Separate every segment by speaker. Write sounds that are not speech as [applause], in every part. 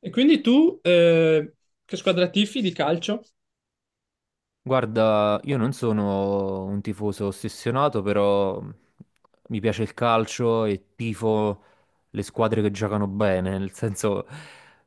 Speaker 1: E quindi tu che squadra tifi di calcio?
Speaker 2: Guarda, io non sono un tifoso ossessionato, però mi piace il calcio e tifo le squadre che giocano bene, nel senso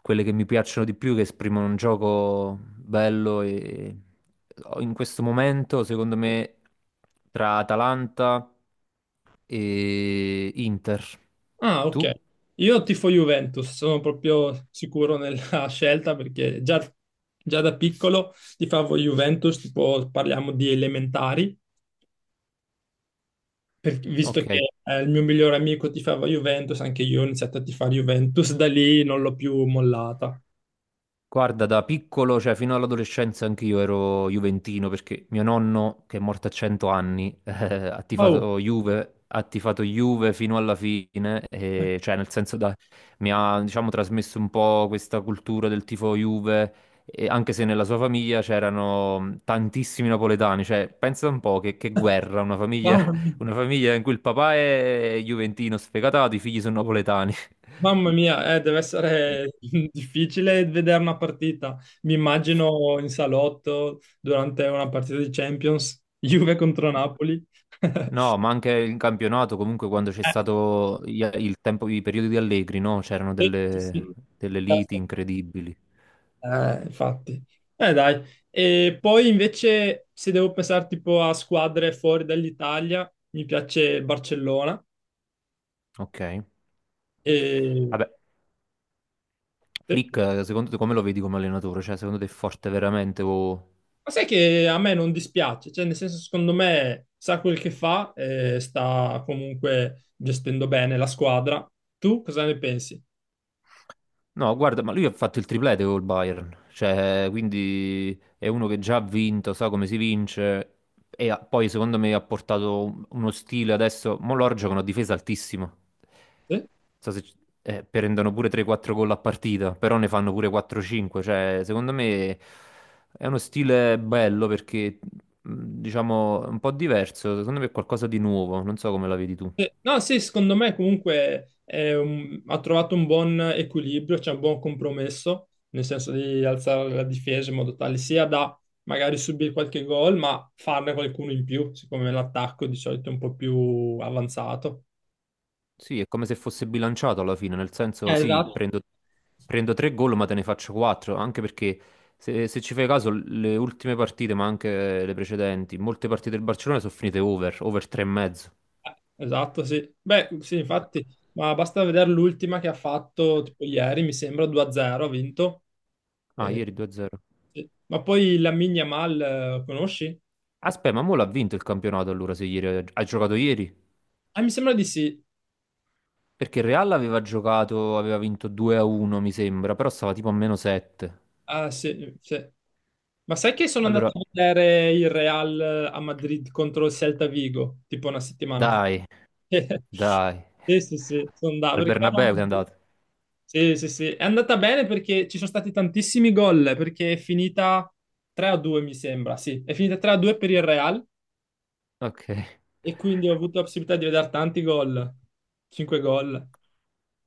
Speaker 2: quelle che mi piacciono di più, che esprimono un gioco bello e in questo momento, secondo me, tra Atalanta e Inter.
Speaker 1: Ah, ok.
Speaker 2: Tu?
Speaker 1: Io tifo Juventus, sono proprio sicuro nella [laughs] scelta perché già da piccolo tifavo Juventus, tipo parliamo di elementari, visto
Speaker 2: Ok.
Speaker 1: che il mio migliore amico tifava Juventus, anche io ho iniziato a tifare Juventus, da lì non l'ho più mollata.
Speaker 2: Guarda, da piccolo, cioè fino all'adolescenza, anch'io ero juventino perché mio nonno, che è morto a 100 anni, [laughs]
Speaker 1: Wow.
Speaker 2: ha tifato Juve fino alla fine,
Speaker 1: eh,
Speaker 2: e, cioè nel senso da, mi ha, diciamo, trasmesso un po' questa cultura del tifo Juve, e anche se nella sua famiglia c'erano tantissimi napoletani, cioè pensa un po' che guerra, una famiglia,
Speaker 1: Wow.
Speaker 2: [laughs] una famiglia in cui il papà è juventino sfegatato, i figli sono napoletani. [laughs]
Speaker 1: Mamma mia, deve essere [laughs] difficile vedere una partita. Mi immagino in salotto durante una partita di Champions, [laughs] Juve contro Napoli. [laughs]
Speaker 2: No, ma anche in campionato, comunque quando c'è stato il tempo, i periodi di Allegri, no? C'erano
Speaker 1: Sì, sì. sì.
Speaker 2: delle liti
Speaker 1: Certo.
Speaker 2: incredibili.
Speaker 1: Infatti. Dai. E poi invece, se devo pensare tipo a squadre fuori dall'Italia, mi piace il Barcellona.
Speaker 2: Ok.
Speaker 1: E...
Speaker 2: Vabbè,
Speaker 1: sì.
Speaker 2: Flick, secondo te come lo vedi come allenatore? Cioè, secondo te è forte veramente o...
Speaker 1: Ma sai che a me non dispiace, cioè nel senso secondo me sa quel che fa e sta comunque gestendo bene la squadra. Tu cosa ne pensi?
Speaker 2: No, guarda, ma lui ha fatto il triplete col Bayern, cioè, quindi è uno che già ha vinto, sa come si vince e poi secondo me ha portato uno stile adesso, mo loro giocano a difesa altissima,
Speaker 1: Sì?
Speaker 2: so se, prendono pure 3-4 gol a partita, però ne fanno pure 4-5, cioè, secondo me è uno stile bello perché, mh, diciamo, è un po' diverso, secondo me è qualcosa di nuovo, non so come la vedi tu.
Speaker 1: Sì. No, sì, secondo me comunque è ha trovato un buon equilibrio, c'è un buon compromesso, nel senso di alzare la difesa in modo tale sia da magari subire qualche gol, ma farne qualcuno in più, siccome l'attacco di solito è un po' più avanzato.
Speaker 2: Sì, è come se fosse bilanciato alla fine, nel senso, sì, prendo tre gol, ma te ne faccio quattro, anche perché se ci fai caso, le ultime partite, ma anche le precedenti, molte partite del Barcellona sono finite over, 3,5.
Speaker 1: Esatto, sì. Beh, sì, infatti, ma basta vedere l'ultima che ha fatto, tipo ieri, mi sembra 2-0, ha vinto.
Speaker 2: Ah,
Speaker 1: Eh,
Speaker 2: ieri 2-0.
Speaker 1: sì. Ma poi Lamine Yamal, conosci?
Speaker 2: Aspetta, ma mo l'ha vinto il campionato allora, se ieri ha giocato ieri?
Speaker 1: Ah, mi sembra di sì.
Speaker 2: Perché il Real aveva giocato, aveva vinto 2-1, mi sembra, però stava tipo a meno 7.
Speaker 1: Ah, sì, sì. Ma sai che sono andato
Speaker 2: Allora,
Speaker 1: a vedere il Real a Madrid contro il Celta Vigo, tipo una settimana fa?
Speaker 2: dai,
Speaker 1: [laughs]
Speaker 2: dai.
Speaker 1: Sì, sì, sì, sono andato
Speaker 2: Al
Speaker 1: perché ero a
Speaker 2: Bernabeu sei
Speaker 1: Madrid.
Speaker 2: andato.
Speaker 1: Sì, sì, sì, è andata bene perché ci sono stati tantissimi gol, perché è finita 3-2 mi sembra, sì, è finita 3-2 per il Real
Speaker 2: Ok.
Speaker 1: e quindi ho avuto la possibilità di vedere tanti gol, 5 gol.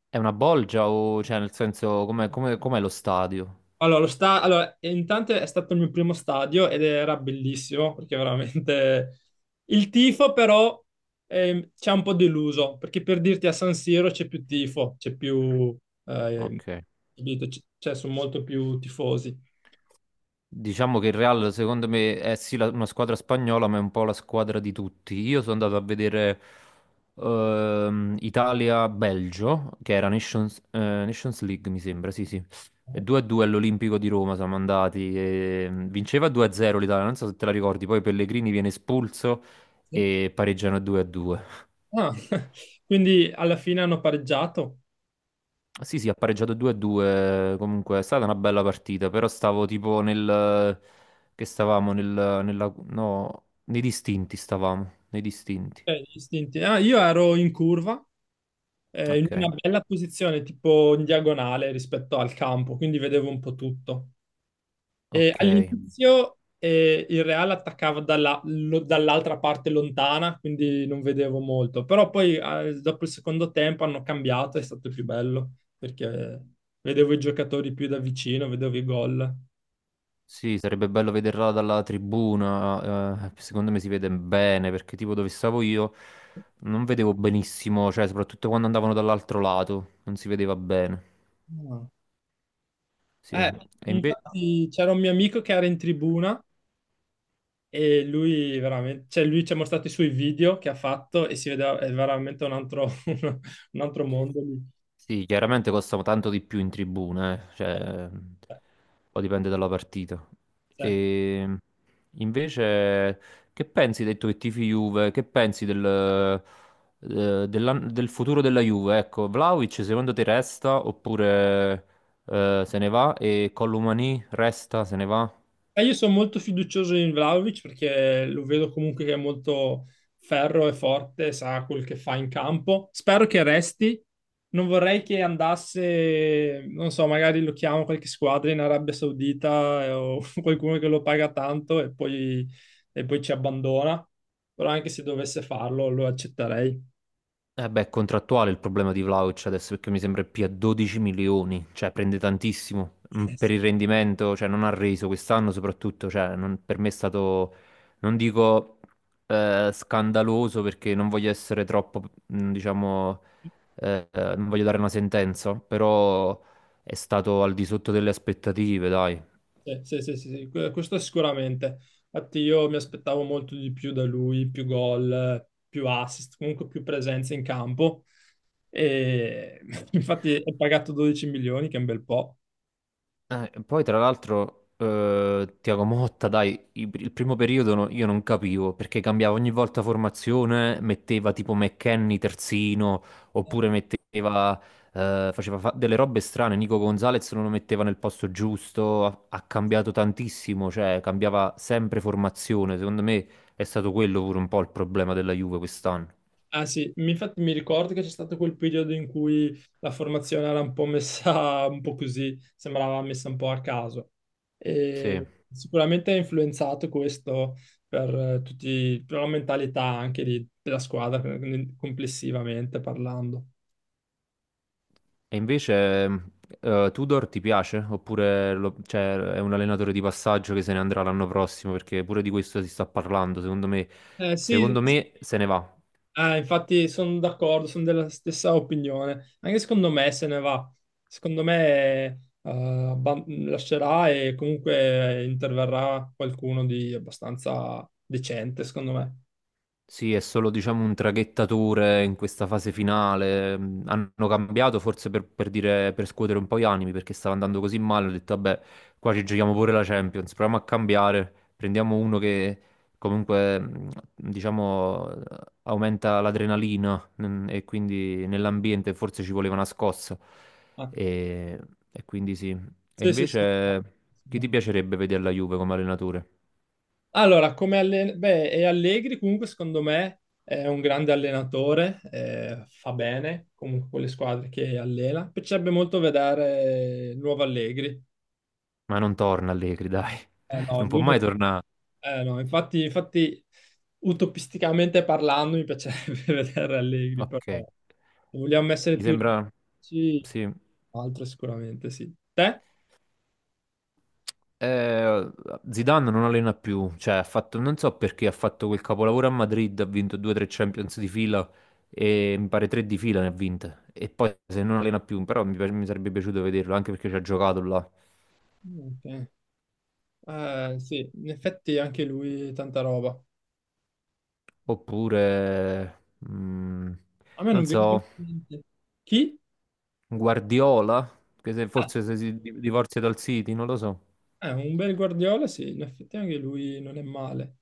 Speaker 2: È una bolgia o, cioè, nel senso, com'è lo stadio?
Speaker 1: Allora, allora, e intanto è stato il mio primo stadio ed era bellissimo perché veramente il tifo però ci ha un po' deluso, perché per dirti a San Siro c'è più tifo, c'è più, ehm,
Speaker 2: Ok.
Speaker 1: capito? Cioè sono molto più tifosi.
Speaker 2: Diciamo che il Real, secondo me, è sì una squadra spagnola, ma è un po' la squadra di tutti. Io sono andato a vedere Italia-Belgio, che era Nations, Nations League, mi sembra, sì, sì. E 2-2 all'Olimpico di Roma siamo andati. E, vinceva 2-0 l'Italia, non so se te la ricordi, poi Pellegrini viene espulso
Speaker 1: Sì.
Speaker 2: e pareggiano 2-2.
Speaker 1: Ah, [laughs] quindi alla fine hanno pareggiato.
Speaker 2: Sì, sì, ha pareggiato 2-2, comunque è stata una bella partita, però stavo tipo che stavamo nel... no, nei distinti stavamo, nei distinti.
Speaker 1: Gli istinti. Ah, io ero in curva, in
Speaker 2: Ok,
Speaker 1: una bella posizione, tipo in diagonale rispetto al campo, quindi vedevo un po' tutto. E
Speaker 2: ok.
Speaker 1: all'inizio il Real attaccava dall'altra parte lontana, quindi non vedevo molto. Però poi dopo il secondo tempo hanno cambiato, è stato più bello, perché vedevo i giocatori più da vicino, vedevo i gol.
Speaker 2: Sì, sarebbe bello vederla dalla tribuna, secondo me si vede bene, perché tipo dove stavo io non vedevo benissimo, cioè soprattutto quando andavano dall'altro lato, non si vedeva bene.
Speaker 1: Ah.
Speaker 2: Sì,
Speaker 1: Eh,
Speaker 2: e invece.
Speaker 1: infatti c'era un mio amico che era in tribuna. E lui veramente, cioè lui ci ha mostrato i suoi video che ha fatto e si vedeva, è veramente un altro, [laughs] un altro mondo lì.
Speaker 2: Sì, chiaramente costano tanto di più in tribuna, cioè, poi dipende dalla partita.
Speaker 1: Cioè,
Speaker 2: E invece, che pensi, hai detto che tifi Juve, che pensi del futuro della Juve? Ecco, Vlaovic secondo te resta oppure se ne va? E Colomani resta, se ne va?
Speaker 1: e io sono molto fiducioso in Vlahovic perché lo vedo comunque che è molto ferro e forte, sa quel che fa in campo. Spero che resti. Non vorrei che andasse, non so, magari lo chiamo qualche squadra in Arabia Saudita o [laughs] qualcuno che lo paga tanto e poi, ci abbandona. Però anche se dovesse farlo, lo accetterei.
Speaker 2: Eh beh, è contrattuale il problema di Vlahovic adesso perché mi sembra più a 12 milioni, cioè prende tantissimo per
Speaker 1: Sì.
Speaker 2: il rendimento, cioè non ha reso quest'anno soprattutto, cioè non- per me è stato, non dico scandaloso perché non voglio essere troppo, diciamo, non voglio dare una sentenza, però è stato al di sotto delle aspettative, dai.
Speaker 1: Sì, sì, sì, sì, sì, questo sicuramente. Infatti io mi aspettavo molto di più da lui, più gol, più assist, comunque più presenza in campo. E [laughs] infatti è pagato 12 milioni, che è un bel po'.
Speaker 2: Poi tra l'altro Tiago Motta, dai, il primo periodo io non capivo perché cambiava ogni volta formazione, metteva tipo McKennie terzino, oppure metteva, delle robe strane, Nico Gonzalez non lo metteva nel posto giusto, ha cambiato tantissimo, cioè cambiava sempre formazione, secondo me è stato quello pure un po' il problema della Juve quest'anno.
Speaker 1: Ah, sì, infatti mi ricordo che c'è stato quel periodo in cui la formazione era un po' messa [laughs] un po' così, sembrava messa un po' a caso.
Speaker 2: Sì.
Speaker 1: E sicuramente ha influenzato questo per tutti, per la mentalità anche della squadra complessivamente parlando.
Speaker 2: E invece, Tudor ti piace? Oppure cioè, è un allenatore di passaggio che se ne andrà l'anno prossimo? Perché pure di questo si sta parlando. Secondo me,
Speaker 1: Sì.
Speaker 2: secondo me se ne va.
Speaker 1: Infatti sono d'accordo, sono della stessa opinione. Anche secondo me se ne va. Secondo me lascerà e comunque interverrà qualcuno di abbastanza decente, secondo me.
Speaker 2: Sì, è solo diciamo un traghettatore in questa fase finale. Hanno cambiato forse per dire, per scuotere un po' gli animi perché stava andando così male. Ho detto, vabbè, qua ci giochiamo pure la Champions. Proviamo a cambiare. Prendiamo uno che comunque, diciamo, aumenta l'adrenalina e quindi nell'ambiente forse ci voleva una scossa.
Speaker 1: Ah,
Speaker 2: E, e quindi sì. E
Speaker 1: sì, sì, sì.
Speaker 2: invece, chi ti piacerebbe vedere la Juve come allenatore?
Speaker 1: Allora, beh, e Allegri comunque secondo me è un grande allenatore, fa bene comunque con le squadre che allena. Mi piacerebbe molto vedere il nuovo Allegri.
Speaker 2: Ma non torna Allegri, dai. [laughs]
Speaker 1: No,
Speaker 2: Non può
Speaker 1: lui
Speaker 2: mai
Speaker 1: non.
Speaker 2: tornare.
Speaker 1: No, infatti, infatti, utopisticamente parlando, mi piacerebbe [laughs] vedere Allegri, però
Speaker 2: Ok.
Speaker 1: se vogliamo essere
Speaker 2: Mi
Speaker 1: più
Speaker 2: sembra,
Speaker 1: realistici,
Speaker 2: sì.
Speaker 1: altro sicuramente, sì. Te?
Speaker 2: Eh, Zidane non allena più, cioè ha fatto, non so perché ha fatto quel capolavoro a Madrid, ha vinto 2-3 Champions di fila e mi pare tre di fila ne ha vinte. E poi se non allena più, però mi sarebbe piaciuto vederlo anche perché ci ha giocato là.
Speaker 1: Ok. Sì, in effetti anche lui tanta roba.
Speaker 2: Oppure,
Speaker 1: A me non
Speaker 2: non
Speaker 1: viene in
Speaker 2: so,
Speaker 1: mente niente. Chi?
Speaker 2: Guardiola, che
Speaker 1: Ah,
Speaker 2: forse se divorzia dal City, non lo so.
Speaker 1: un bel Guardiola, sì, in effetti anche lui non è male.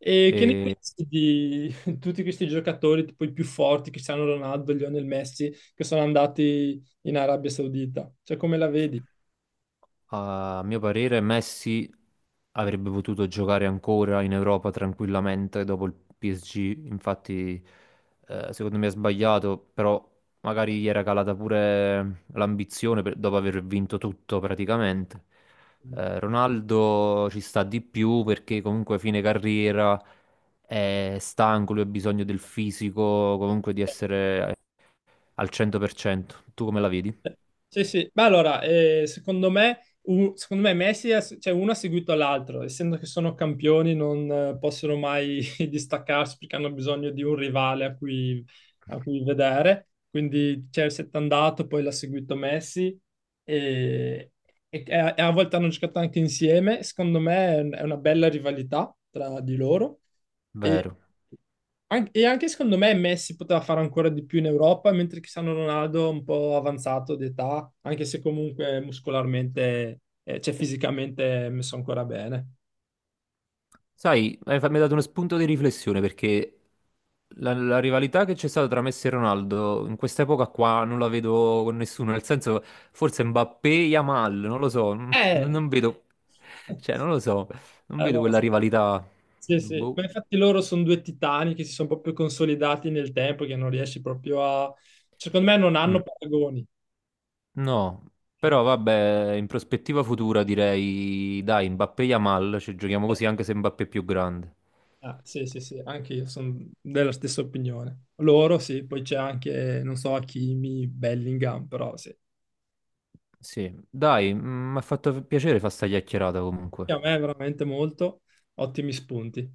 Speaker 1: E che ne pensi di [laughs] tutti questi giocatori, tipo i più forti, Cristiano Ronaldo, Lionel Messi, che sono andati in Arabia Saudita? Cioè, come la vedi?
Speaker 2: A mio parere, Messi avrebbe potuto giocare ancora in Europa tranquillamente dopo il PSG. Infatti, secondo me ha sbagliato, però magari gli era calata pure l'ambizione dopo aver vinto tutto praticamente. Ronaldo ci sta di più perché comunque a fine carriera è stanco, lui ha bisogno del fisico, comunque di essere al 100%. Tu come la vedi?
Speaker 1: Sì, sì, ma allora, secondo me, secondo me Messi, cioè uno ha seguito l'altro, essendo che sono campioni non possono mai [laughs] distaccarsi perché hanno bisogno di un rivale a cui, vedere. Quindi Chelsea è andato, poi l'ha seguito Messi e, e a volte hanno giocato anche insieme, secondo me è è una bella rivalità tra di loro. E,
Speaker 2: Vero.
Speaker 1: E anche secondo me Messi poteva fare ancora di più in Europa, mentre Cristiano Ronaldo è un po' avanzato d'età, anche se comunque muscolarmente, cioè fisicamente è messo ancora bene.
Speaker 2: Sai, mi hai dato uno spunto di riflessione perché la rivalità che c'è stata tra Messi e Ronaldo in quest'epoca qua non la vedo con nessuno, nel senso forse Mbappé e Yamal, non lo so, [laughs]
Speaker 1: Eh,
Speaker 2: non vedo, cioè non lo so, non vedo
Speaker 1: allora,
Speaker 2: quella rivalità,
Speaker 1: sì, sì.
Speaker 2: boh.
Speaker 1: Ma infatti loro sono due titani che si sono proprio consolidati nel tempo, che non riesci proprio a. Secondo me non
Speaker 2: Mm.
Speaker 1: hanno paragoni.
Speaker 2: No,
Speaker 1: Ah,
Speaker 2: però vabbè, in prospettiva futura direi dai, Mbappé e Yamal, ci giochiamo così anche se Mbappé è più grande.
Speaker 1: ah, sì, sì, sì, anche io sono della stessa opinione. Loro sì, poi c'è anche, non so, Hakimi, Bellingham, però sì.
Speaker 2: Sì, dai, mi ha fatto piacere fare sta chiacchierata
Speaker 1: Sì,
Speaker 2: comunque.
Speaker 1: a me veramente molto, ottimi spunti.